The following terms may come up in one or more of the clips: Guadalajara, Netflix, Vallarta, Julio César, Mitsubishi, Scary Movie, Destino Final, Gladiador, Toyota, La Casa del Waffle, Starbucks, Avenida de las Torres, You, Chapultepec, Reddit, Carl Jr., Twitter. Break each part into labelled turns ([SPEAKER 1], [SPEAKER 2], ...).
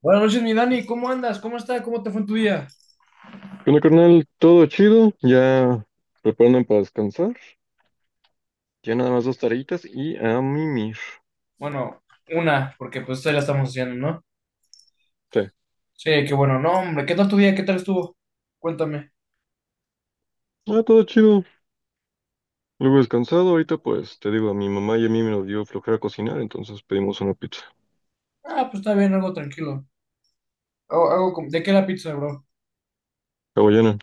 [SPEAKER 1] Buenas noches, mi Dani, ¿cómo andas? ¿Cómo está? ¿Cómo te fue en tu día?
[SPEAKER 2] Bueno, carnal, todo chido, ya preparando para descansar, ya nada más dos tareitas y a mimir.
[SPEAKER 1] Bueno, una, porque pues todavía la estamos haciendo, ¿no?
[SPEAKER 2] Sí,
[SPEAKER 1] Sí, qué bueno, no, hombre, ¿qué tal tu día? ¿Qué tal estuvo? Cuéntame.
[SPEAKER 2] ah, todo chido, luego descansado, ahorita pues te digo, a mi mamá y a mí me lo dio flojera cocinar, entonces pedimos una pizza
[SPEAKER 1] Ah, pues está bien, algo tranquilo. ¿De qué la pizza, bro?
[SPEAKER 2] hawaiana.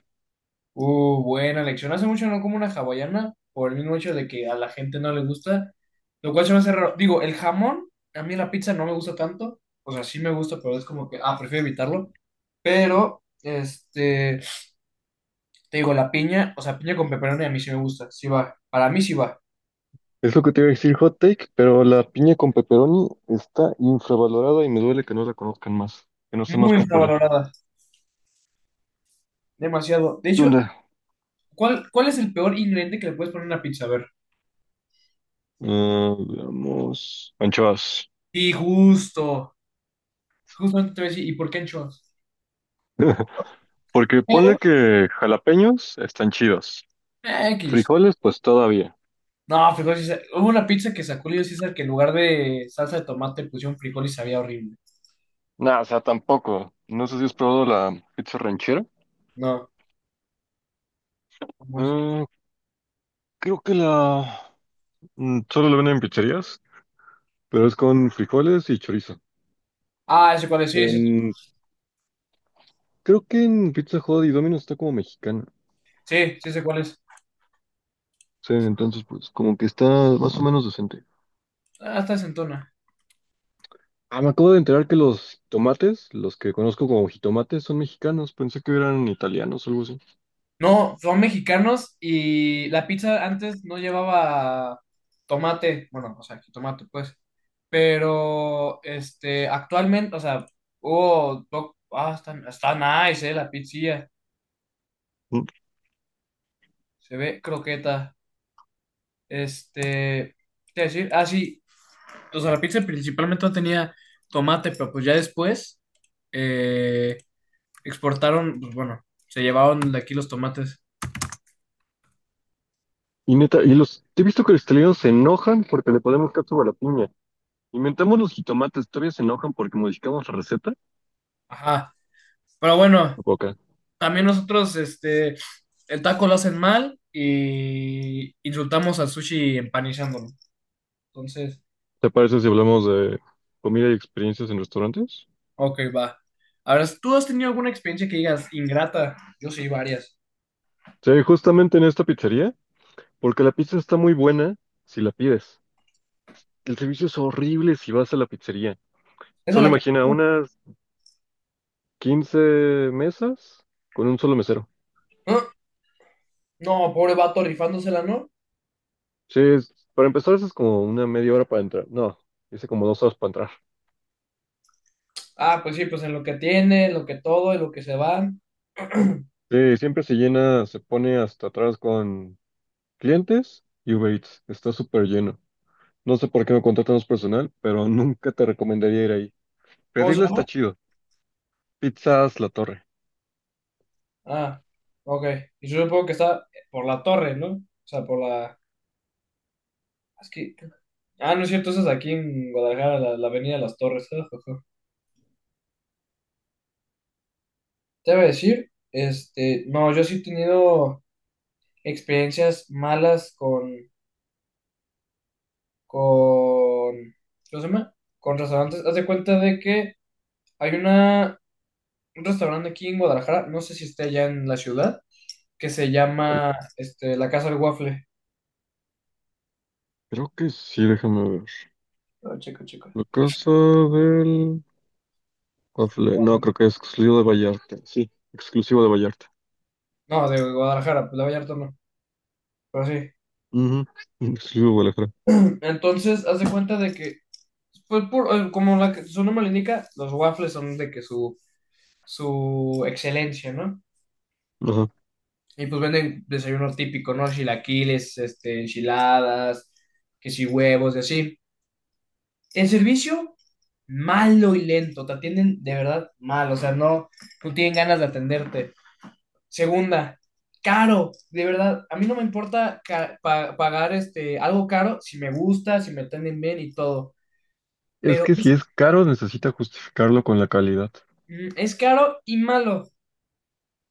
[SPEAKER 1] Buena elección. Hace mucho no como una hawaiana, por el mismo hecho de que a la gente no le gusta, lo cual se me hace raro. Digo, el jamón, a mí la pizza no me gusta tanto, o sea, sí me gusta, pero es como que, ah, prefiero evitarlo, pero, este... te digo, la piña, o sea, piña con pepperoni a mí sí me gusta, sí va, para mí sí va.
[SPEAKER 2] Es lo que te iba a decir hot take, pero la piña con pepperoni está infravalorada y me duele que no la conozcan más, que no sea más
[SPEAKER 1] Muy
[SPEAKER 2] popular.
[SPEAKER 1] infravalorada, demasiado. De
[SPEAKER 2] ¿Qué
[SPEAKER 1] hecho,
[SPEAKER 2] onda?
[SPEAKER 1] ¿cuál es el peor ingrediente que le puedes poner a una pizza? A ver.
[SPEAKER 2] Ah, veamos. Anchoas.
[SPEAKER 1] Sí, justo, justamente te voy a decir, ¿y por qué anchoas?
[SPEAKER 2] Porque
[SPEAKER 1] Pero,
[SPEAKER 2] ponle que jalapeños están chidos.
[SPEAKER 1] X.
[SPEAKER 2] Frijoles, pues todavía.
[SPEAKER 1] No, frijoles hubo una pizza que sacó Julio César que en lugar de salsa de tomate pusieron frijol y sabía horrible.
[SPEAKER 2] Nada, o sea, tampoco. No sé si has probado la pizza ranchera.
[SPEAKER 1] No, ¿cómo es?
[SPEAKER 2] Eh, Creo que solo la venden en pizzerías, pero es con frijoles y chorizo.
[SPEAKER 1] Ah, ese cuál es, sí, sí, sí,
[SPEAKER 2] En... Creo que en Pizza Hut y Domino's está como mexicana.
[SPEAKER 1] sí, sí, sé cuál es.
[SPEAKER 2] Sí, entonces pues como que está más o menos decente.
[SPEAKER 1] Ah, está sentona.
[SPEAKER 2] Ah, me acabo de enterar que los tomates, los que conozco como jitomates, son mexicanos. Pensé que eran italianos o algo así.
[SPEAKER 1] No, son mexicanos y la pizza antes no llevaba tomate, bueno, o sea, tomate pues, pero actualmente, o sea, ah, está nice, la pizzilla,
[SPEAKER 2] Mm,
[SPEAKER 1] se ve croqueta, este, ¿qué te iba a decir? Ah, sí, o sea, la pizza principalmente no tenía tomate, pero pues ya después eh, exportaron, pues bueno, se llevaron de aquí los tomates,
[SPEAKER 2] Y neta, y he visto que los italianos se enojan porque le ponemos catsup a la piña. Inventamos los jitomates, todavía se enojan porque modificamos la receta.
[SPEAKER 1] ajá, pero bueno.
[SPEAKER 2] Boca.
[SPEAKER 1] También nosotros, el taco lo hacen mal y insultamos al sushi empanizándolo. Entonces,
[SPEAKER 2] ¿Te parece si hablamos de comida y experiencias en restaurantes?
[SPEAKER 1] ok, va. Ahora, ¿tú has tenido alguna experiencia que digas ingrata? Yo sí, varias.
[SPEAKER 2] Sí, justamente en esta pizzería, porque la pizza está muy buena si la pides. El servicio es horrible si vas a la pizzería.
[SPEAKER 1] Esa es
[SPEAKER 2] Solo
[SPEAKER 1] la que...
[SPEAKER 2] imagina unas 15 mesas con un solo mesero.
[SPEAKER 1] ¿Ah? No, pobre vato rifándosela, ¿no?
[SPEAKER 2] Sí, para empezar eso es como una media hora para entrar. No, dice como 2 horas para entrar.
[SPEAKER 1] Ah, pues sí, pues en lo que tiene, en lo que todo, en lo que se va.
[SPEAKER 2] Sí, siempre se llena, se pone hasta atrás con clientes y Uber Eats. Está súper lleno. No sé por qué no contratan más personal, pero nunca te recomendaría ir ahí.
[SPEAKER 1] ¿Cómo se
[SPEAKER 2] Pedirla está
[SPEAKER 1] llama?
[SPEAKER 2] chido. Pizzas La Torre.
[SPEAKER 1] Ah, ok. Y yo supongo que está por la torre, ¿no? O sea, por la... Es que... Ah, no es cierto, esa es aquí en Guadalajara, la Avenida de las Torres. Te voy a decir, no, yo sí he tenido experiencias malas con, con, ¿cómo se llama? Con restaurantes. Haz de cuenta de que hay un restaurante aquí en Guadalajara, no sé si está allá en la ciudad, que se
[SPEAKER 2] Pues,
[SPEAKER 1] llama, La Casa del Waffle.
[SPEAKER 2] creo que sí, déjame ver.
[SPEAKER 1] Oh, chico, chico.
[SPEAKER 2] La casa del... waffle- No, creo que es exclusivo de Vallarta. Sí, exclusivo de Vallarta.
[SPEAKER 1] No, de Guadalajara, pues, de Vallarta no, pero sí.
[SPEAKER 2] Ujú, exclusivo de Guadalajara.
[SPEAKER 1] Entonces, haz de cuenta de que, pues, como su nombre lo indica, los waffles son de que su excelencia, ¿no?
[SPEAKER 2] Ajá.
[SPEAKER 1] Y pues venden desayuno típico, ¿no? Chilaquiles, enchiladas, que si huevos y así. El servicio, malo y lento. Te atienden de verdad mal, o sea, no, no tienen ganas de atenderte. Segunda, caro, de verdad. A mí no me importa pagar algo caro si me gusta, si me atienden bien y todo.
[SPEAKER 2] Es
[SPEAKER 1] Pero
[SPEAKER 2] que si
[SPEAKER 1] es,
[SPEAKER 2] es caro, necesita justificarlo con la calidad.
[SPEAKER 1] mm, es caro y malo.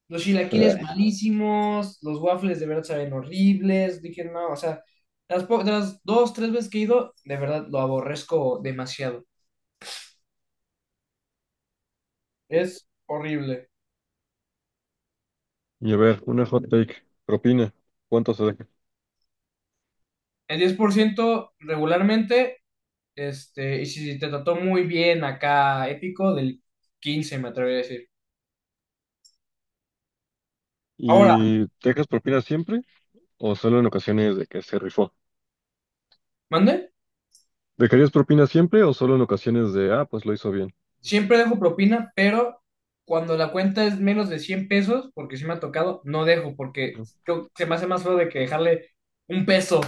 [SPEAKER 1] Los chilaquiles
[SPEAKER 2] Ay.
[SPEAKER 1] malísimos, los waffles de verdad saben horribles. Dije, no, o sea, de las dos, tres veces que he ido, de verdad lo aborrezco demasiado. Es horrible.
[SPEAKER 2] Y a ver, una hot take. Propina. ¿Cuánto se deja?
[SPEAKER 1] El 10% regularmente, y si te trató muy bien acá, épico, del 15 me atrevería a decir. Ahora,
[SPEAKER 2] ¿Y dejas propina siempre o solo en ocasiones de que se rifó?
[SPEAKER 1] mande,
[SPEAKER 2] ¿Dejarías propina siempre o solo en ocasiones de, ah, pues lo hizo bien?
[SPEAKER 1] siempre dejo propina, pero cuando la cuenta es menos de 100 pesos, porque si me ha tocado, no dejo, porque
[SPEAKER 2] ¿No
[SPEAKER 1] creo que se me hace más feo de que dejarle un peso.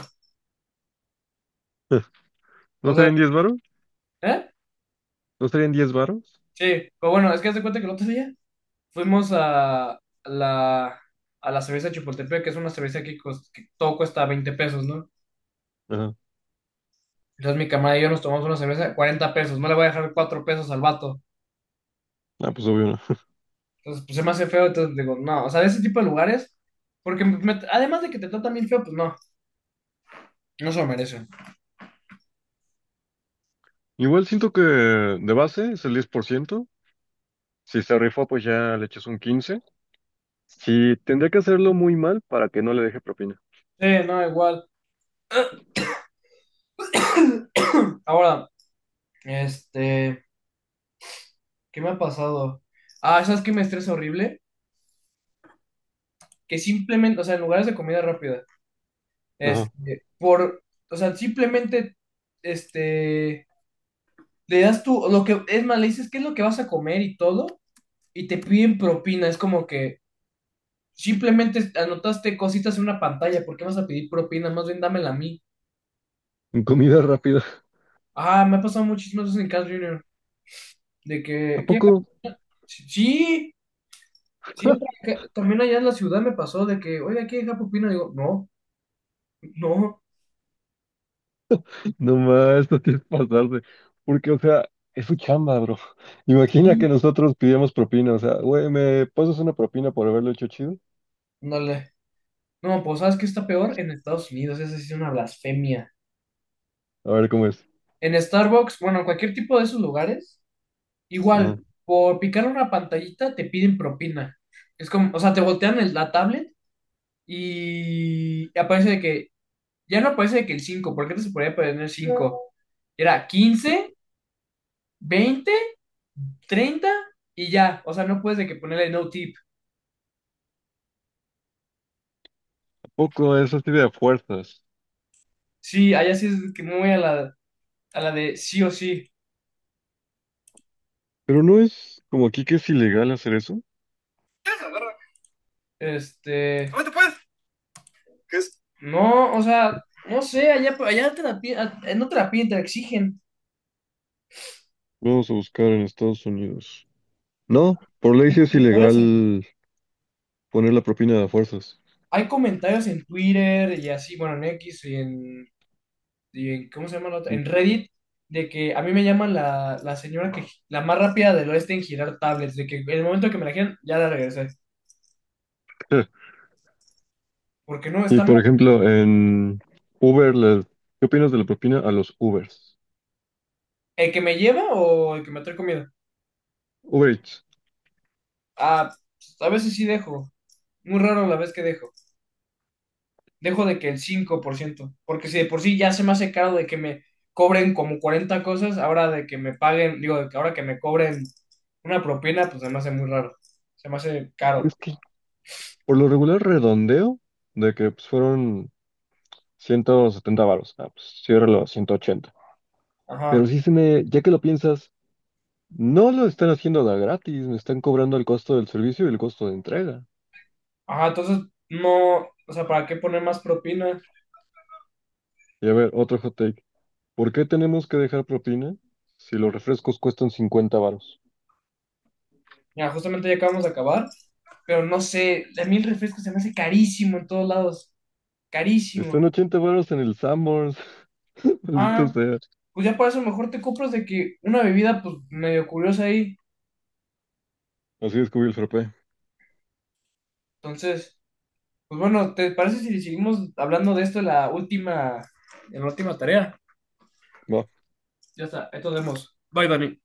[SPEAKER 1] O
[SPEAKER 2] ¿No
[SPEAKER 1] sea,
[SPEAKER 2] serían 10 varos?
[SPEAKER 1] ¿eh?
[SPEAKER 2] ¿No serían 10 varos?
[SPEAKER 1] Sí, pero bueno, es que haz de cuenta que el otro día fuimos a a la cerveza Chapultepec, que es una cerveza que, que todo cuesta 20 pesos, ¿no?
[SPEAKER 2] Ajá.
[SPEAKER 1] Entonces mi camarada y yo nos tomamos una cerveza de 40 pesos, no le voy a dejar 4 pesos al vato.
[SPEAKER 2] Ah, pues obvio no.
[SPEAKER 1] Entonces, pues se me hace feo, entonces digo, no, o sea, de ese tipo de lugares, porque además de que te tratan bien feo, pues no, no se lo merecen.
[SPEAKER 2] Igual siento que de base es el 10%. Si se rifa, pues ya le echas un 15. Si tendría que hacerlo muy mal para que no le deje propina.
[SPEAKER 1] Sí, no, igual. Ahora, este, ¿qué me ha pasado? Ah, ¿sabes qué me estresa horrible? Que simplemente, o sea, en lugares de comida rápida.
[SPEAKER 2] Ajá.
[SPEAKER 1] Este, por, o sea, simplemente, este, le das tú, lo que, es más, le dices qué es lo que vas a comer y todo, y te piden propina, es como que simplemente anotaste cositas en una pantalla, ¿por qué vas a pedir propina? Más bien dámela a mí.
[SPEAKER 2] En comida rápida.
[SPEAKER 1] Ah, me ha pasado muchísimas veces en Carl Jr., de
[SPEAKER 2] ¿A
[SPEAKER 1] que, ¿qué?
[SPEAKER 2] poco?
[SPEAKER 1] Sí, sí, siempre, también allá en la ciudad me pasó de que, oye, ¿qué deja propina? Digo, no, no,
[SPEAKER 2] No más, no tienes que pasarse. Porque, o sea, es su chamba, bro. Imagina que nosotros pidíamos propina. O sea, güey, ¿me pasas una propina por haberlo hecho chido?
[SPEAKER 1] dale no, pues, ¿sabes qué está peor? En Estados Unidos, esa sí es una blasfemia.
[SPEAKER 2] A ver cómo es.
[SPEAKER 1] En Starbucks, bueno, en cualquier tipo de esos lugares, igual,
[SPEAKER 2] Ajá.
[SPEAKER 1] por picar una pantallita te piden propina. Es como, o sea, te voltean la tablet y aparece de que, ya no aparece de que el 5, porque antes se podía poner cinco. Era 15, 20, 30 y ya. O sea, no puedes de que ponerle no tip.
[SPEAKER 2] ¿A poco es así de fuerzas?
[SPEAKER 1] Sí, allá sí es que muy a a la de sí o sí.
[SPEAKER 2] Pero no es como aquí que es ilegal hacer eso.
[SPEAKER 1] ¿Cómo te puedes? ¿Qué es? No, o sea, no sé, allá, te la, no te la piden, te la exigen.
[SPEAKER 2] Vamos a buscar en Estados Unidos. No, por ley sí es ilegal poner la propina a fuerzas.
[SPEAKER 1] Hay comentarios en Twitter y así, bueno, en X y y en ¿cómo se llama la otra? En Reddit, de que a mí me llaman la señora que, la más rápida del oeste en girar tablets, de que en el momento que me la giran, ya la regresé. Porque no,
[SPEAKER 2] Y
[SPEAKER 1] está
[SPEAKER 2] por
[SPEAKER 1] mal.
[SPEAKER 2] ejemplo, en Uber, ¿qué opinas de la propina a los Ubers?
[SPEAKER 1] ¿El que me lleva o el que me trae comida?
[SPEAKER 2] Uber Eats.
[SPEAKER 1] Ah, pues, a veces sí dejo. Muy raro la vez que dejo. Dejo de que el 5%. Porque si de por sí ya se me hace caro de que me cobren como 40 cosas, ahora de que me paguen, digo, de que ahora que me cobren una propina, pues se me hace muy raro. Se me hace caro.
[SPEAKER 2] Es que por lo regular redondeo de que pues, fueron 170 varos. Ah, pues ciérralo a 180. Pero
[SPEAKER 1] Ajá,
[SPEAKER 2] sí se me, ya que lo piensas, no lo están haciendo de a gratis, me están cobrando el costo del servicio y el costo de entrega.
[SPEAKER 1] ajá, entonces no, o sea, ¿para qué poner más propina?
[SPEAKER 2] Y a ver, otro hot take. ¿Por qué tenemos que dejar propina si los refrescos cuestan 50 varos?
[SPEAKER 1] Ya, justamente ya acabamos de acabar, pero no sé, a mí el refresco se me hace carísimo en todos lados,
[SPEAKER 2] Están
[SPEAKER 1] carísimo.
[SPEAKER 2] 80 varos en el Sanborns. Maldito
[SPEAKER 1] Ah,
[SPEAKER 2] sea.
[SPEAKER 1] pues ya para eso mejor te compras de que una bebida, pues medio curiosa ahí.
[SPEAKER 2] Así descubrí el frappé.
[SPEAKER 1] Entonces, pues bueno, ¿te parece si seguimos hablando de esto en la última tarea?
[SPEAKER 2] Va.
[SPEAKER 1] Ya está, ahí nos vemos. Bye, Dani.